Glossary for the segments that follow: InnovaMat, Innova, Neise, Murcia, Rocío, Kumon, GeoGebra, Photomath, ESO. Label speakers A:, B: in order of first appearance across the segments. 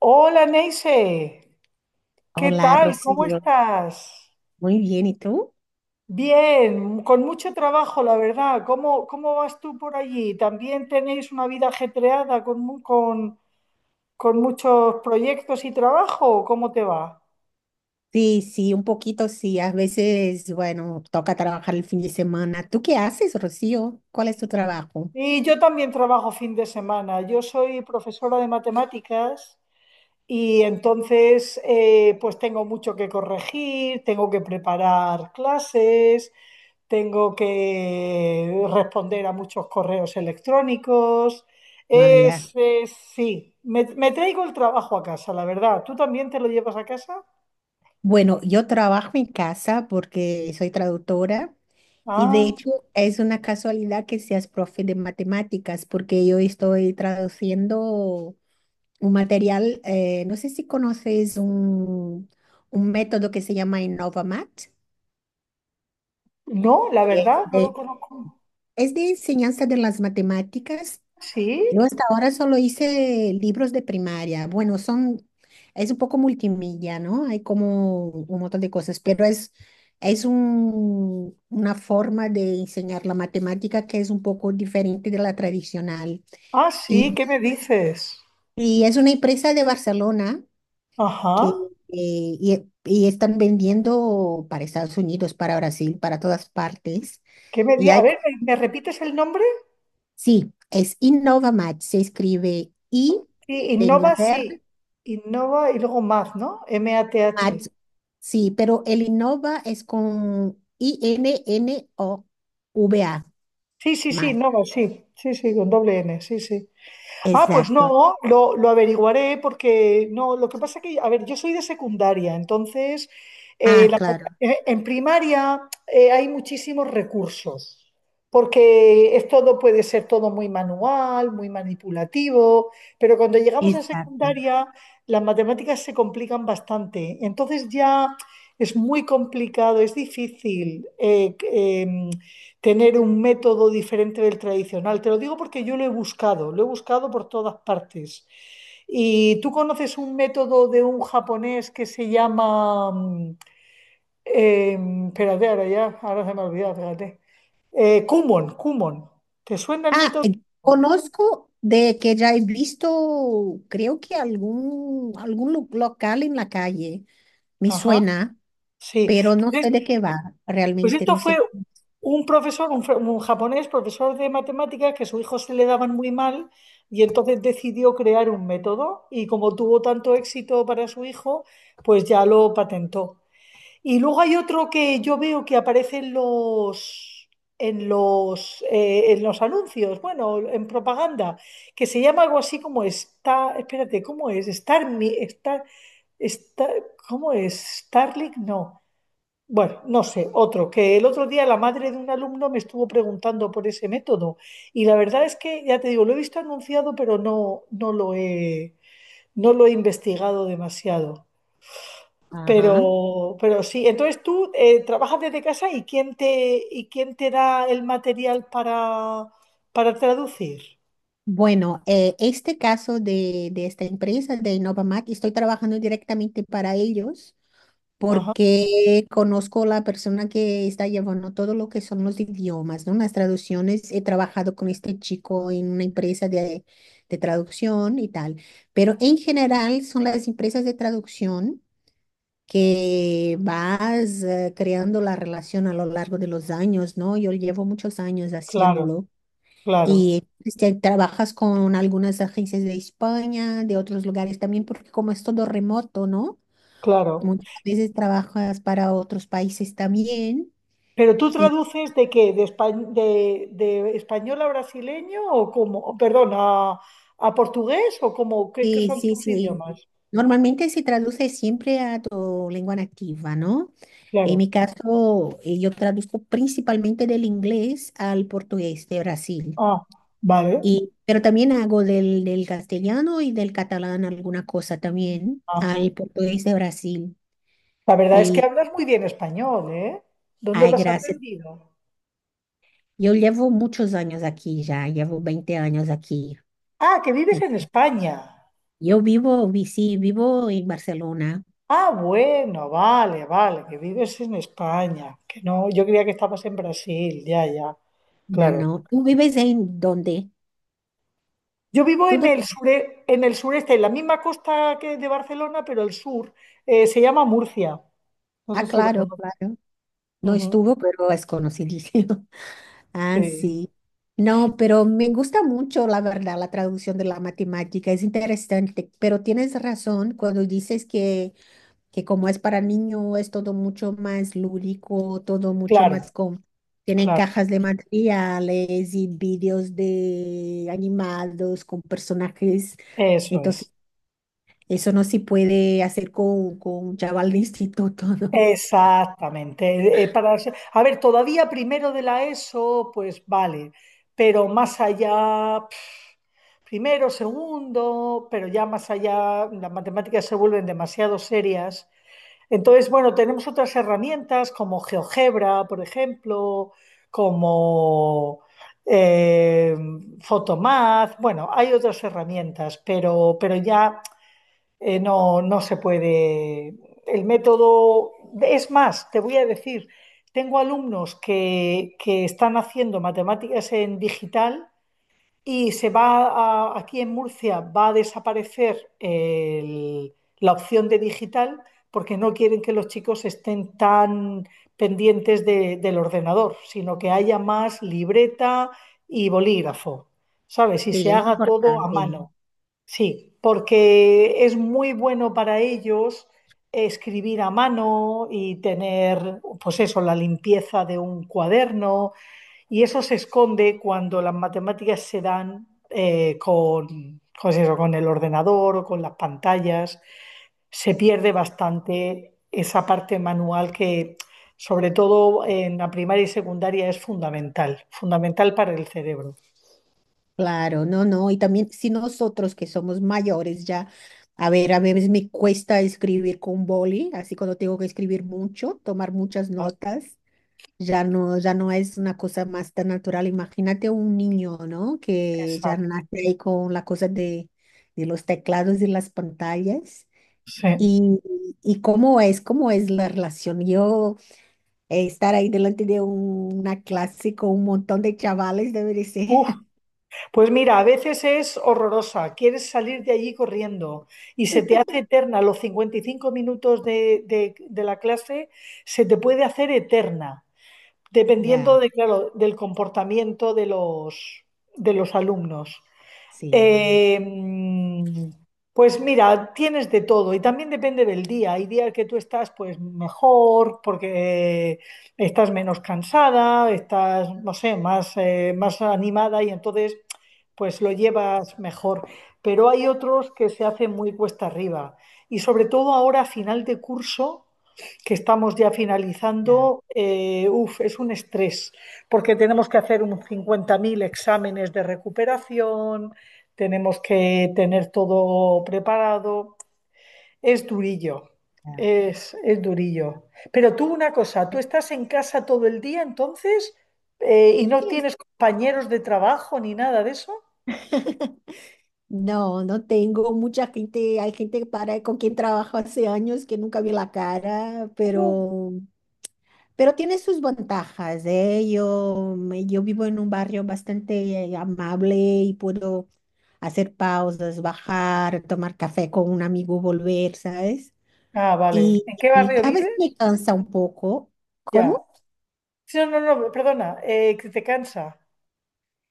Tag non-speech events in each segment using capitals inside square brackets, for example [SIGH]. A: Hola Neise, ¿qué
B: Hola,
A: tal? ¿Cómo
B: Rocío.
A: estás?
B: Muy bien, ¿y tú?
A: Bien, con mucho trabajo, la verdad. ¿Cómo vas tú por allí? ¿También tenéis una vida ajetreada con muchos proyectos y trabajo? ¿Cómo te va?
B: Sí, sí, un poquito, sí. A veces, bueno, toca trabajar el fin de semana. ¿Tú qué haces, Rocío? ¿Cuál es tu trabajo?
A: Y yo también trabajo fin de semana. Yo soy profesora de matemáticas y entonces pues tengo mucho que corregir, tengo que preparar clases, tengo que responder a muchos correos electrónicos.
B: Vaya.
A: Sí, me traigo el trabajo a casa, la verdad. ¿Tú también te lo llevas a casa?
B: Bueno, yo trabajo en casa porque soy traductora, y de
A: Ah,
B: hecho es una casualidad que seas profe de matemáticas porque yo estoy traduciendo un material, no sé si conoces un método que se llama InnovaMat.
A: no, la
B: es
A: verdad, no lo
B: de
A: conozco.
B: Es de enseñanza de las matemáticas.
A: ¿Sí?
B: Yo hasta ahora solo hice libros de primaria. Es un poco multimilla, ¿no? Hay como un montón de cosas, pero es una forma de enseñar la matemática que es un poco diferente de la tradicional.
A: Ah, sí,
B: Y,
A: ¿qué me dices?
B: y es una empresa de Barcelona que,
A: Ajá.
B: y están vendiendo para Estados Unidos, para Brasil, para todas partes. Y
A: A
B: hay.
A: ver, ¿me repites el nombre?
B: Sí, es InnovaMatch, se escribe I de Inglaterra,
A: Sí. Innova y luego Math, ¿no? M-A-T-H.
B: Match. Sí, pero el Innova es con I-N-N-O-V-A,
A: Sí, sí, sí,
B: Match.
A: Innova, sí. Sí, sí, con doble N, sí, sí. Ah, pues
B: Exacto.
A: no, lo averiguaré porque no, lo que pasa que, a ver, yo soy de secundaria, entonces eh,
B: Ah,
A: la-
B: claro,
A: en primaria hay muchísimos recursos, porque es todo, puede ser todo muy manual, muy manipulativo, pero cuando llegamos a
B: exacto.
A: secundaria las matemáticas se complican bastante, entonces ya es muy complicado, es difícil. Tener un método diferente del tradicional. Te lo digo porque yo lo he buscado por todas partes. ¿Y tú conoces un método de un japonés que se llama, eh, espérate, ahora ya, ahora se me ha olvidado, fíjate. Kumon, Kumon. ¿Te suena el
B: Ah,
A: método?
B: conozco de que ya he visto, creo que algún local en la calle, me
A: Ajá,
B: suena,
A: sí.
B: pero no sé de qué va,
A: Pues
B: realmente
A: esto
B: no
A: fue
B: sé cómo.
A: un profesor, un japonés, profesor de matemáticas, que a su hijo se le daban muy mal y entonces decidió crear un método y como tuvo tanto éxito para su hijo, pues ya lo patentó. Y luego hay otro que yo veo que aparece en los, en los anuncios, bueno, en propaganda, que se llama algo así como está, espérate, ¿cómo es? Star, ¿cómo es? Starlink, no. Bueno, no sé, otro, que el otro día la madre de un alumno me estuvo preguntando por ese método y la verdad es que, ya te digo, lo he visto anunciado, pero no, no lo he investigado demasiado. Pero,
B: Ajá.
A: pero sí, entonces tú trabajas desde casa y y quién te da el material para, traducir.
B: Bueno, este caso de esta empresa, de Innovamac, estoy trabajando directamente para ellos
A: Ajá,
B: porque conozco la persona que está llevando todo lo que son los idiomas, ¿no? Las traducciones. He trabajado con este chico en una empresa de traducción y tal, pero en general son las empresas de traducción que vas creando la relación a lo largo de los años, ¿no? Yo llevo muchos años
A: claro,
B: haciéndolo.
A: claro,
B: Y este, trabajas con algunas agencias de España, de otros lugares también, porque como es todo remoto, ¿no?
A: claro.
B: Muchas veces trabajas para otros países también.
A: ¿Pero tú
B: Y
A: traduces de qué? ¿De español a brasileño o como, perdón, a portugués o cómo? ¿Qué
B: sí,
A: son
B: sí,
A: tus
B: sí.
A: idiomas?
B: Normalmente se traduce siempre a tu lengua nativa, ¿no? En
A: Claro.
B: mi caso, yo traduzco principalmente del inglés al portugués de Brasil.
A: Ah, vale.
B: Y, pero también hago del castellano y del catalán alguna cosa también
A: Ah.
B: al portugués de Brasil.
A: La verdad es que
B: Y
A: hablas muy bien español, ¿eh? ¿Dónde
B: ay,
A: lo has
B: gracias.
A: aprendido?
B: E eu llevo muchos años aquí ya, llevo 20 años aquí.
A: Ah, que vives
B: Eh,
A: en España.
B: Yo vivo, sí, vivo en Barcelona.
A: Ah, bueno, vale, vale, que vives en España. Que no, yo creía que estabas en Brasil, ya, ya.
B: No,
A: Claro.
B: no. ¿Tú vives en dónde?
A: Yo vivo
B: ¿Tú
A: en
B: dónde?
A: el sure, en el sureste, en la misma costa que de Barcelona, pero el sur. Se llama Murcia. No sé
B: Ah,
A: si lo
B: claro,
A: conoces.
B: claro. No
A: Ujú,
B: estuvo, pero es conocido. Ah,
A: sí.
B: sí. No, pero me gusta mucho, la verdad, la traducción de la matemática. Es interesante, pero tienes razón cuando dices que como es para niño, es todo mucho más lúdico, todo mucho más
A: Claro,
B: con... Tiene
A: claro.
B: cajas de materiales y vídeos de animados con personajes.
A: Eso es.
B: Entonces, eso no se puede hacer con un chaval de instituto, [LAUGHS] ¿no?
A: Exactamente. A ver, todavía primero de la ESO, pues vale, pero más allá, primero, segundo, pero ya más allá, las matemáticas se vuelven demasiado serias. Entonces, bueno, tenemos otras herramientas como GeoGebra, por ejemplo, como eh, Photomath. Bueno, hay otras herramientas, pero ya no, no se puede. El método, es más, te voy a decir, tengo alumnos que están haciendo matemáticas en digital y aquí en Murcia va a desaparecer la opción de digital porque no quieren que los chicos estén tan pendientes del ordenador, sino que haya más libreta y bolígrafo, ¿sabes? Y
B: Sí,
A: se
B: es
A: haga todo a
B: importante.
A: mano. Sí, porque es muy bueno para ellos escribir a mano y tener, pues eso, la limpieza de un cuaderno y eso se esconde cuando las matemáticas se dan con eso, con el ordenador o con las pantallas. Se pierde bastante esa parte manual que, sobre todo en la primaria y secundaria, es fundamental, fundamental para el cerebro.
B: Claro, no, no, y también si nosotros que somos mayores ya, a ver, a veces me cuesta escribir con boli, así cuando tengo que escribir mucho, tomar muchas
A: ¿Verdad?
B: notas, ya no, ya no es una cosa más tan natural. Imagínate un niño, ¿no? Que ya
A: Exacto,
B: nace ahí con la cosa de los teclados y las pantallas.
A: sí.
B: Y, y cómo es la relación. Yo estar ahí delante de un- una clase con un montón de chavales debe de ser.
A: Uf,
B: [LAUGHS]
A: pues mira, a veces es horrorosa, quieres salir de allí corriendo y se te hace eterna los 55 minutos de la clase, se te puede hacer eterna,
B: Ya,
A: dependiendo de, claro, del comportamiento de los alumnos.
B: sí.
A: Eh, pues mira, tienes de todo y también depende del día. Hay días que tú estás pues mejor porque estás menos cansada, estás, no sé, más, más animada y entonces pues lo llevas mejor. Pero hay otros que se hacen muy cuesta arriba y sobre todo ahora a final de curso que estamos ya
B: Claro,
A: finalizando, uf, es un estrés, porque tenemos que hacer un 50.000 exámenes de recuperación, tenemos que tener todo preparado. Es durillo,
B: claro.
A: es durillo. Pero tú una cosa, tú estás en casa todo el día entonces y no
B: Sí,
A: tienes compañeros de trabajo ni nada de eso.
B: no, no tengo mucha gente, hay gente para, con quien trabajo hace años que nunca vi la cara,
A: Uh,
B: pero tiene sus ventajas, ¿eh? Yo vivo en un barrio bastante amable y puedo hacer pausas, bajar, tomar café con un amigo, volver, ¿sabes?
A: ah, vale. ¿En qué
B: Y
A: barrio
B: a veces me
A: vives?
B: cansa un poco.
A: Ya.
B: ¿Cómo?
A: Sí, no, no, no, perdona, que te cansa.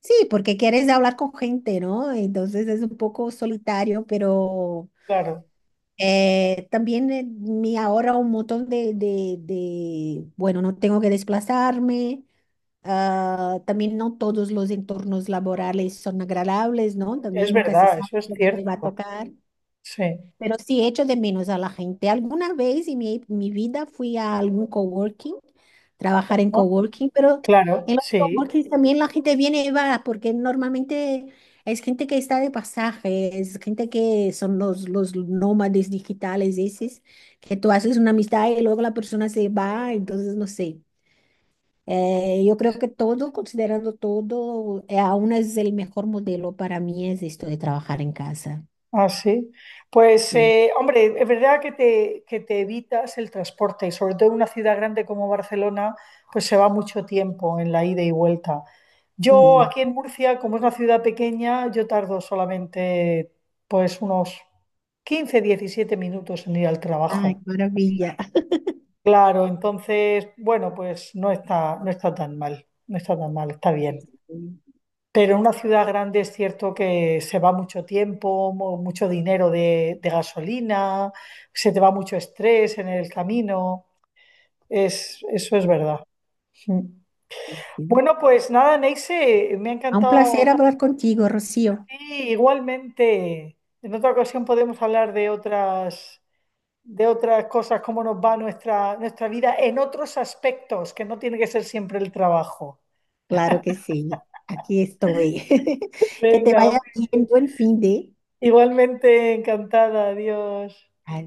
B: Sí, porque quieres hablar con gente, ¿no? Entonces es un poco solitario, pero...
A: Claro.
B: También me ahorra un montón bueno, no tengo que desplazarme. Ah, también no todos los entornos laborales son agradables, ¿no?
A: Es
B: También nunca se
A: verdad,
B: sabe
A: eso es
B: lo que te va a
A: cierto.
B: tocar.
A: Sí,
B: Pero sí echo de menos a la gente. Alguna vez en mi vida fui a algún coworking, trabajar en
A: ¿no?
B: coworking, pero
A: Claro,
B: en los
A: sí,
B: coworkings también la gente viene y va, porque normalmente es gente que está de pasaje, es gente que son los nómades digitales, esos, que tú haces una amistad y luego la persona se va, entonces no sé. Yo creo que todo, considerando todo, aún es el mejor modelo para mí es esto de trabajar en casa.
A: así. Pues,
B: Sí.
A: hombre, es verdad que te, evitas el transporte y sobre todo en una ciudad grande como Barcelona, pues se va mucho tiempo en la ida y vuelta. Yo
B: Sí.
A: aquí en Murcia, como es una ciudad pequeña, yo tardo solamente pues unos 15 17 minutos en ir al
B: Ay, qué
A: trabajo.
B: maravilla.
A: Claro, entonces, bueno, pues no está tan mal, no está tan mal, está
B: Sí,
A: bien.
B: sí,
A: Pero en una ciudad grande es cierto que se va mucho tiempo, mucho dinero de gasolina, se te va mucho estrés en el camino. Eso es
B: sí.
A: verdad. Mm.
B: Sí, sí.
A: Bueno, pues nada, Neise, me ha
B: Ah, un placer
A: encantado.
B: hablar contigo, Rocío.
A: Sí, igualmente. En otra ocasión podemos hablar de otras, cosas, cómo nos va nuestra vida en otros aspectos, que no tiene que ser siempre el trabajo.
B: Claro que sí. Aquí estoy. [LAUGHS] Que te
A: Venga,
B: vaya bien. Buen fin de.
A: igualmente encantada, adiós.